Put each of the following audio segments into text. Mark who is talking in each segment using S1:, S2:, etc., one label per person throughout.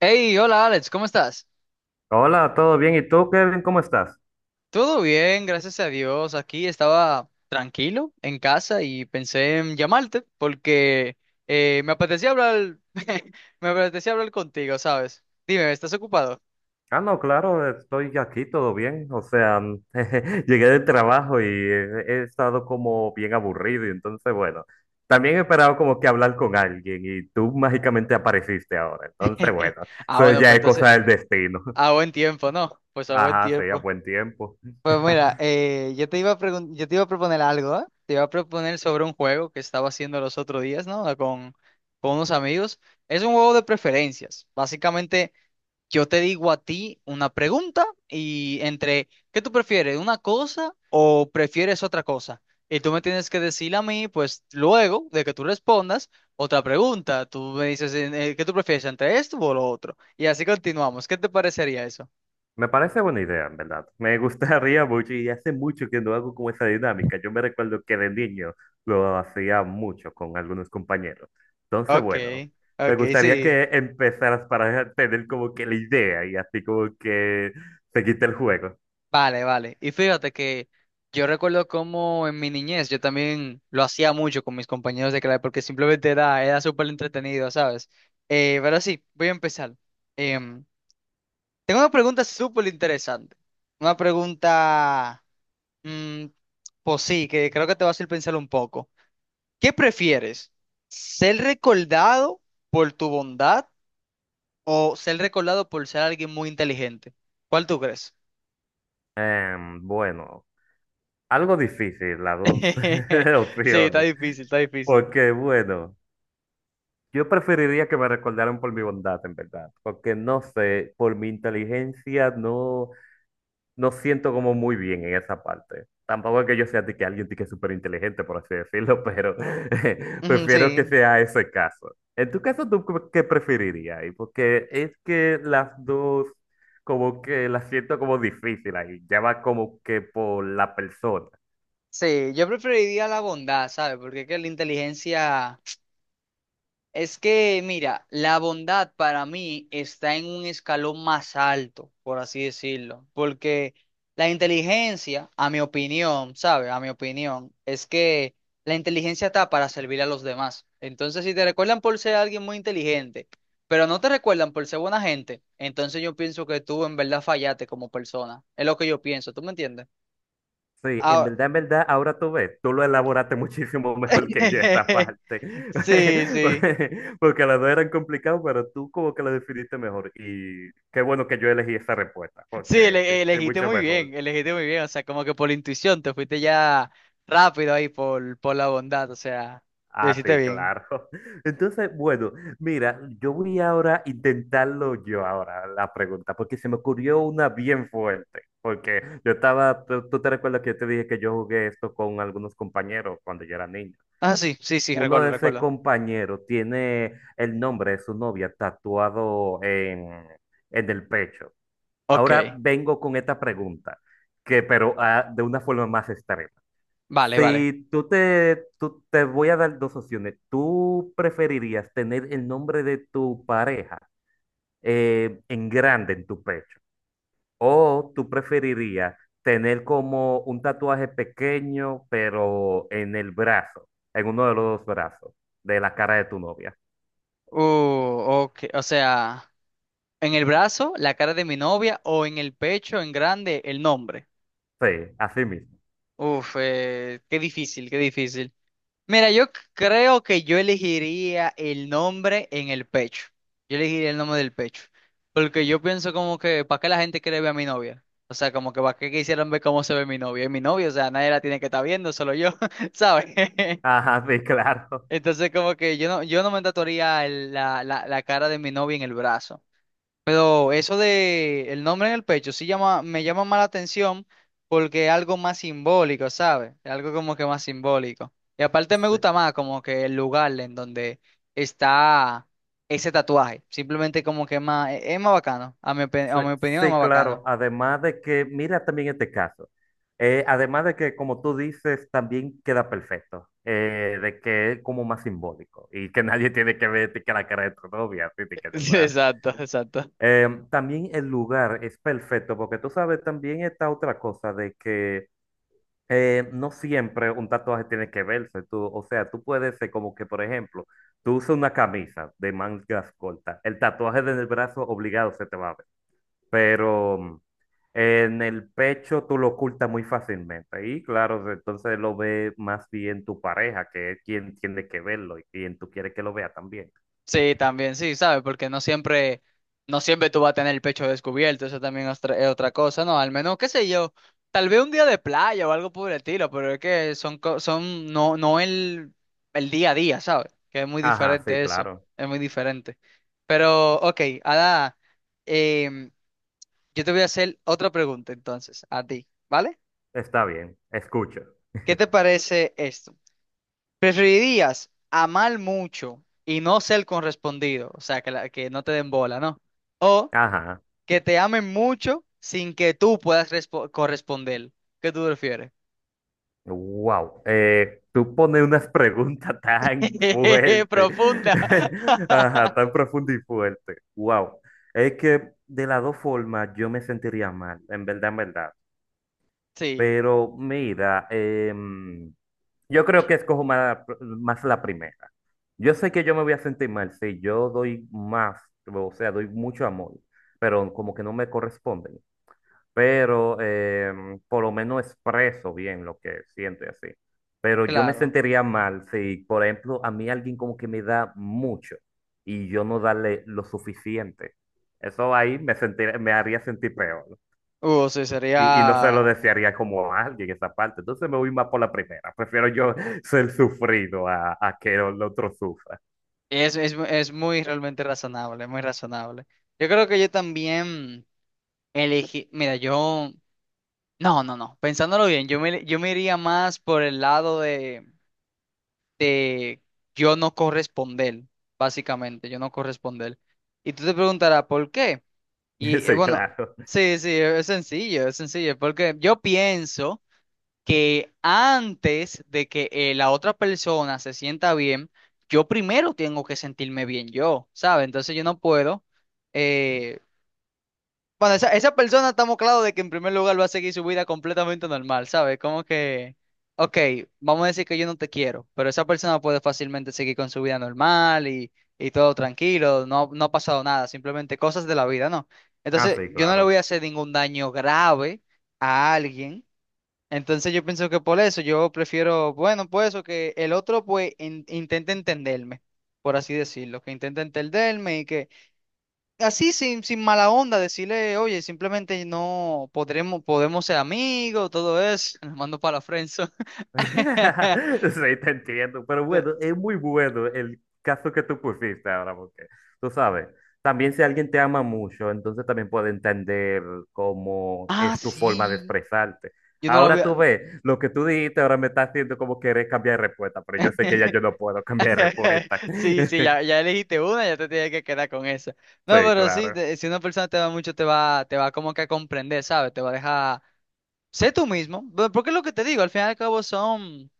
S1: Hey, hola Alex, ¿cómo estás?
S2: Hola, ¿todo bien? ¿Y tú, Kevin, cómo estás?
S1: Todo bien, gracias a Dios. Aquí estaba tranquilo en casa y pensé en llamarte porque me apetecía hablar, me apetecía hablar contigo, ¿sabes? Dime, ¿estás ocupado?
S2: Ah, no, claro, estoy aquí, todo bien. O sea, jeje, llegué del trabajo y he estado como bien aburrido y entonces, bueno, también he esperado como que hablar con alguien y tú mágicamente apareciste ahora. Entonces, bueno,
S1: Ah,
S2: eso
S1: bueno,
S2: ya
S1: pues
S2: es
S1: entonces,
S2: cosa del destino.
S1: a buen tiempo, ¿no? Pues a buen
S2: Ajá, sí, a
S1: tiempo.
S2: buen tiempo.
S1: Pues mira, yo te iba a proponer algo, ¿eh? Te iba a proponer sobre un juego que estaba haciendo los otros días, ¿no? Con unos amigos. Es un juego de preferencias. Básicamente. Yo te digo a ti una pregunta y entre, ¿qué tú prefieres? ¿Una cosa o prefieres otra cosa? Y tú me tienes que decir a mí, pues luego de que tú respondas, otra pregunta. Tú me dices, ¿qué tú prefieres entre esto o lo otro? Y así continuamos. ¿Qué te parecería eso?
S2: Me parece buena idea, en verdad. Me gustaría mucho y hace mucho que no hago como esa dinámica. Yo me recuerdo que de niño lo hacía mucho con algunos compañeros. Entonces,
S1: Ok,
S2: bueno, me
S1: ok,
S2: gustaría
S1: sí.
S2: que empezaras para tener como que la idea y así como que se quite el juego.
S1: Vale, vale. Y fíjate que yo recuerdo cómo en mi niñez yo también lo hacía mucho con mis compañeros de clase porque simplemente era súper entretenido, ¿sabes? Pero sí, voy a empezar. Em, Tengo una pregunta súper interesante. Una pregunta, mm, pues sí, que creo que te va a hacer pensar un poco. ¿Qué prefieres? ¿Ser recordado por tu bondad o ser recordado por ser alguien muy inteligente? ¿Cuál tú crees?
S2: Bueno, algo difícil las dos
S1: Sí, está
S2: opciones.
S1: difícil, está difícil.
S2: Porque, bueno, yo preferiría que me recordaran por mi bondad, en verdad. Porque no sé, por mi inteligencia no. No siento como muy bien en esa parte. Tampoco es que yo sea de que alguien de que es súper inteligente, por así decirlo, pero
S1: Ujú.
S2: prefiero que
S1: Sí,
S2: sea ese caso. En tu caso, ¿tú qué preferirías ahí? Porque es que las dos, como que las siento como difíciles ahí. Ya va como que por la persona.
S1: sí, yo preferiría la bondad, ¿sabes? Porque es que la inteligencia... Es que, mira, la bondad para mí está en un escalón más alto, por así decirlo. Porque la inteligencia, a mi opinión, ¿sabes? A mi opinión, es que la inteligencia está para servir a los demás. Entonces, si te recuerdan por ser alguien muy inteligente, pero no te recuerdan por ser buena gente, entonces yo pienso que tú en verdad fallaste como persona. Es lo que yo pienso, ¿tú me entiendes?
S2: Sí,
S1: Ahora...
S2: en verdad, ahora tú ves, tú lo elaboraste muchísimo mejor que yo esta parte,
S1: Sí, sí.
S2: porque las dos eran complicadas, pero tú como que lo definiste mejor y qué bueno que yo elegí esa respuesta,
S1: Sí,
S2: porque es
S1: elegiste
S2: mucho
S1: muy
S2: mejor.
S1: bien, elegiste muy bien. O sea, como que por la intuición te fuiste ya rápido ahí por la bondad. O sea, lo
S2: Ah,
S1: hiciste
S2: sí,
S1: bien.
S2: claro. Entonces, bueno, mira, yo voy ahora a intentarlo yo ahora, la pregunta, porque se me ocurrió una bien fuerte, porque yo estaba, tú te recuerdas que yo te dije que yo jugué esto con algunos compañeros cuando yo era niño.
S1: Ah, sí, sí, sí,
S2: Uno
S1: recuerdo,
S2: de ese
S1: recuerdo.
S2: compañero tiene el nombre de su novia tatuado en el pecho. Ahora
S1: Ok,
S2: vengo con esta pregunta, que pero ah, de una forma más extrema.
S1: vale, vale.
S2: Si te voy a dar dos opciones, ¿tú preferirías tener el nombre de tu pareja en grande en tu pecho? ¿O tú preferirías tener como un tatuaje pequeño, pero en el brazo, en uno de los dos brazos, de la cara de tu novia?
S1: Uh, ok, o sea, en el brazo, la cara de mi novia o en el pecho, en grande, el nombre.
S2: Sí, así mismo.
S1: Uf, qué difícil, qué difícil. Mira, creo que yo elegiría el nombre en el pecho. Yo elegiría el nombre del pecho. Porque yo pienso como que, ¿para qué la gente quiere ver a mi novia? O sea, como que ¿para qué quisieran ver cómo se ve mi novia? Es mi novia, o sea, nadie la tiene que estar viendo, solo yo, ¿sabes?
S2: Ajá, sí, claro.
S1: Entonces como que yo no me tatuaría la cara de mi novia en el brazo. Pero eso de el nombre en el pecho sí llama, me llama más la atención porque es algo más simbólico, ¿sabes? Es algo como que más simbólico. Y aparte me
S2: Sí,
S1: gusta más como que el lugar en donde está ese tatuaje. Simplemente como que es más bacano. A
S2: sí,
S1: a mi opinión es
S2: sí,
S1: más
S2: claro.
S1: bacano.
S2: Además de que, mira también este caso. Además de que, como tú dices, también queda perfecto. Eh, de que es como más simbólico y que nadie tiene que ver que la cara de tu novia, así que en el brazo.
S1: Exacto, exacto.
S2: También el lugar es perfecto, porque tú sabes, también está otra cosa de que no siempre un tatuaje tiene que verse. Tú, o sea, tú puedes ser como que, por ejemplo, tú usas una camisa de mangas cortas, el tatuaje del brazo obligado se te va a ver, pero en el pecho tú lo ocultas muy fácilmente. Y claro, entonces lo ve más bien tu pareja, que es quien tiene que verlo y quien tú quieres que lo vea también.
S1: Sí, también, sí, ¿sabes? Porque no siempre tú vas a tener el pecho descubierto, eso también es otra cosa, ¿no? Al menos, qué sé yo, tal vez un día de playa o algo por el estilo, pero es que son, co- son, no, no el, el día a día, ¿sabes? Que es muy
S2: Ajá, sí,
S1: diferente eso,
S2: claro,
S1: es muy diferente. Pero, ok, Ada, em, yo te voy a hacer otra pregunta entonces, a ti, ¿vale?
S2: está bien, escucho.
S1: ¿Qué te parece esto? ¿Preferirías amar mucho y no ser correspondido? O sea, que, que no te den bola, ¿no? O
S2: Ajá.
S1: que te amen mucho sin que tú puedas corresponder. ¿Qué tú prefieres?
S2: Wow, tú pones unas preguntas tan fuertes,
S1: Profunda.
S2: ajá, tan profundas y fuertes. Wow, es que de las dos formas yo me sentiría mal, en verdad, en verdad.
S1: Sí,
S2: Pero mira, yo creo que escojo más, más la primera. Yo sé que yo me voy a sentir mal si yo doy más, o sea, doy mucho amor, pero como que no me corresponde, pero por lo menos expreso bien lo que siento y así. Pero yo me
S1: claro.
S2: sentiría mal si, por ejemplo, a mí alguien como que me da mucho y yo no darle lo suficiente. Eso ahí me sentir- me haría sentir peor, ¿no?
S1: Sí,
S2: Y no se lo
S1: sería...
S2: desearía como a alguien esa parte. Entonces me voy más por la primera. Prefiero yo ser sufrido a que el otro sufra.
S1: Es, es muy realmente razonable, muy razonable. Yo creo que yo también elegí... Mira, yo... No, no, no. Pensándolo bien, yo me iría más por el lado de yo no corresponder, básicamente, yo no corresponder. Y tú te preguntarás, ¿por qué? Y
S2: Sí,
S1: bueno,
S2: claro.
S1: sí, sí, es sencillo, porque yo pienso que antes de que la otra persona se sienta bien, yo primero tengo que sentirme bien yo, ¿sabes? Entonces yo no puedo. Eh, esa persona estamos claros de que en primer lugar va a seguir su vida completamente normal, ¿sabes? Como que, ok, vamos a decir que yo no te quiero, pero esa persona puede fácilmente seguir con su vida normal y todo tranquilo, no, no ha pasado nada, simplemente cosas de la vida, ¿no?
S2: Ah,
S1: Entonces,
S2: sí,
S1: yo no le voy
S2: claro.
S1: a hacer ningún daño grave a alguien. Entonces, yo pienso que por eso yo prefiero, bueno, pues eso, que el otro intente entenderme, por así decirlo, que intente entenderme y que así sin mala onda, decirle, oye, simplemente no podremos, podemos ser amigos, todo eso. Los mando para la friendzone.
S2: Sí, te entiendo, pero
S1: De-
S2: bueno, es muy bueno el caso que tú pusiste ahora, porque tú sabes, también si alguien te ama mucho, entonces también puede entender cómo
S1: Ah,
S2: es tu forma de
S1: sí.
S2: expresarte.
S1: Yo no la voy
S2: Ahora
S1: a...
S2: tú ves, lo que tú dijiste ahora me está haciendo como querer cambiar de respuesta, pero yo sé que ya yo no puedo cambiar de respuesta.
S1: Sí, sí, ya elegiste una, ya te tienes que quedar con esa.
S2: Sí,
S1: No, pero sí,
S2: claro.
S1: si una persona te va mucho, te va como que a comprender, ¿sabes? Te va a dejar... Sé tú mismo, porque es lo que te digo, al final y al cabo son...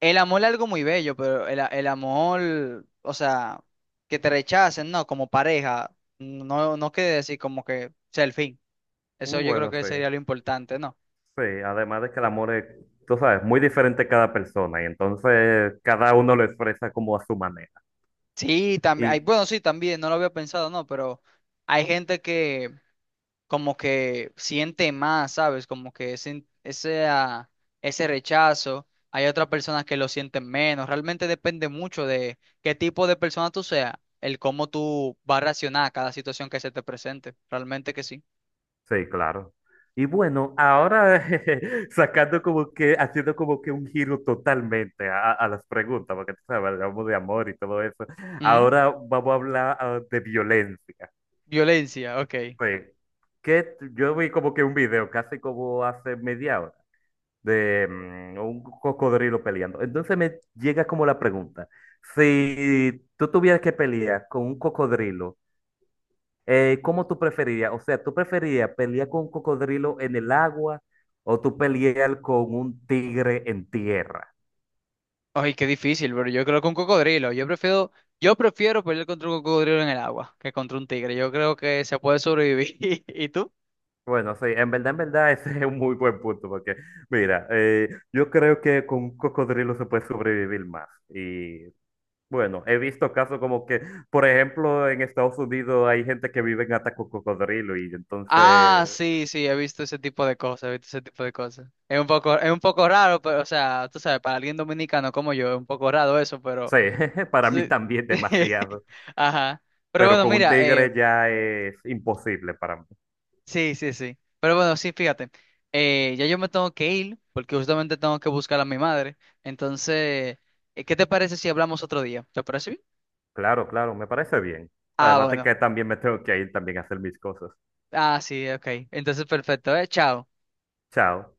S1: El amor es algo muy bello, pero el amor, o sea, que te rechacen, ¿no? Como pareja, no quiere decir como que sea el fin. Eso
S2: Mm,
S1: yo creo
S2: bueno,
S1: que
S2: sí.
S1: sería lo importante, ¿no?
S2: Sí, además de que el amor es, tú sabes, muy diferente a cada persona y entonces cada uno lo expresa como a su manera.
S1: Sí, también, hay,
S2: Y
S1: bueno, sí, también, no lo había pensado, ¿no? Pero hay gente que como que siente más, ¿sabes? Como que ese rechazo. Hay otras personas que lo sienten menos. Realmente depende mucho de qué tipo de persona tú seas, el cómo tú vas a reaccionar a cada situación que se te presente. Realmente que sí.
S2: sí, claro. Y bueno, ahora sacando como que, haciendo como que un giro totalmente a las preguntas, porque tú sabes, hablamos de amor y todo eso.
S1: Ujú.
S2: Ahora vamos a hablar ah, de violencia.
S1: Violencia, ok.
S2: Sí. Que t- yo vi como que un video, casi como hace media hora, de un cocodrilo peleando. Entonces me llega como la pregunta, si tú tuvieras que pelear con un cocodrilo, ¿cómo tú preferirías? O sea, ¿tú preferirías pelear con un cocodrilo en el agua o tú pelear con un tigre en tierra?
S1: Ay, qué difícil, pero yo creo que un cocodrilo. Yo prefiero pelear contra un cocodrilo en el agua que contra un tigre. Yo creo que se puede sobrevivir. ¿Y tú?
S2: Bueno, sí, en verdad, ese es un muy buen punto porque, mira, yo creo que con un cocodrilo se puede sobrevivir más. Y bueno, he visto casos como que, por ejemplo, en Estados Unidos hay gente que vive en hasta con cocodrilo y
S1: Ah,
S2: entonces,
S1: sí, sí, he visto ese tipo de cosas, he visto ese tipo de cosas. Es un poco raro, pero, o sea, tú sabes, para alguien dominicano como yo, es un poco raro eso, pero
S2: sí, para mí
S1: sí.
S2: también demasiado,
S1: Ajá. Pero
S2: pero
S1: bueno,
S2: con un
S1: mira,
S2: tigre ya es imposible para mí.
S1: sí, sí, sí. Pero bueno, sí, fíjate, ya yo me tengo que ir, porque justamente tengo que buscar a mi madre. Entonces, ¿qué te parece si hablamos otro día? ¿Te parece bien?
S2: Claro, claro, me parece bien.
S1: Ah,
S2: Además de
S1: bueno.
S2: que también me tengo que ir también a hacer mis cosas.
S1: Ah, sí, ok. Entonces, perfecto, eh. Chao.
S2: Chao.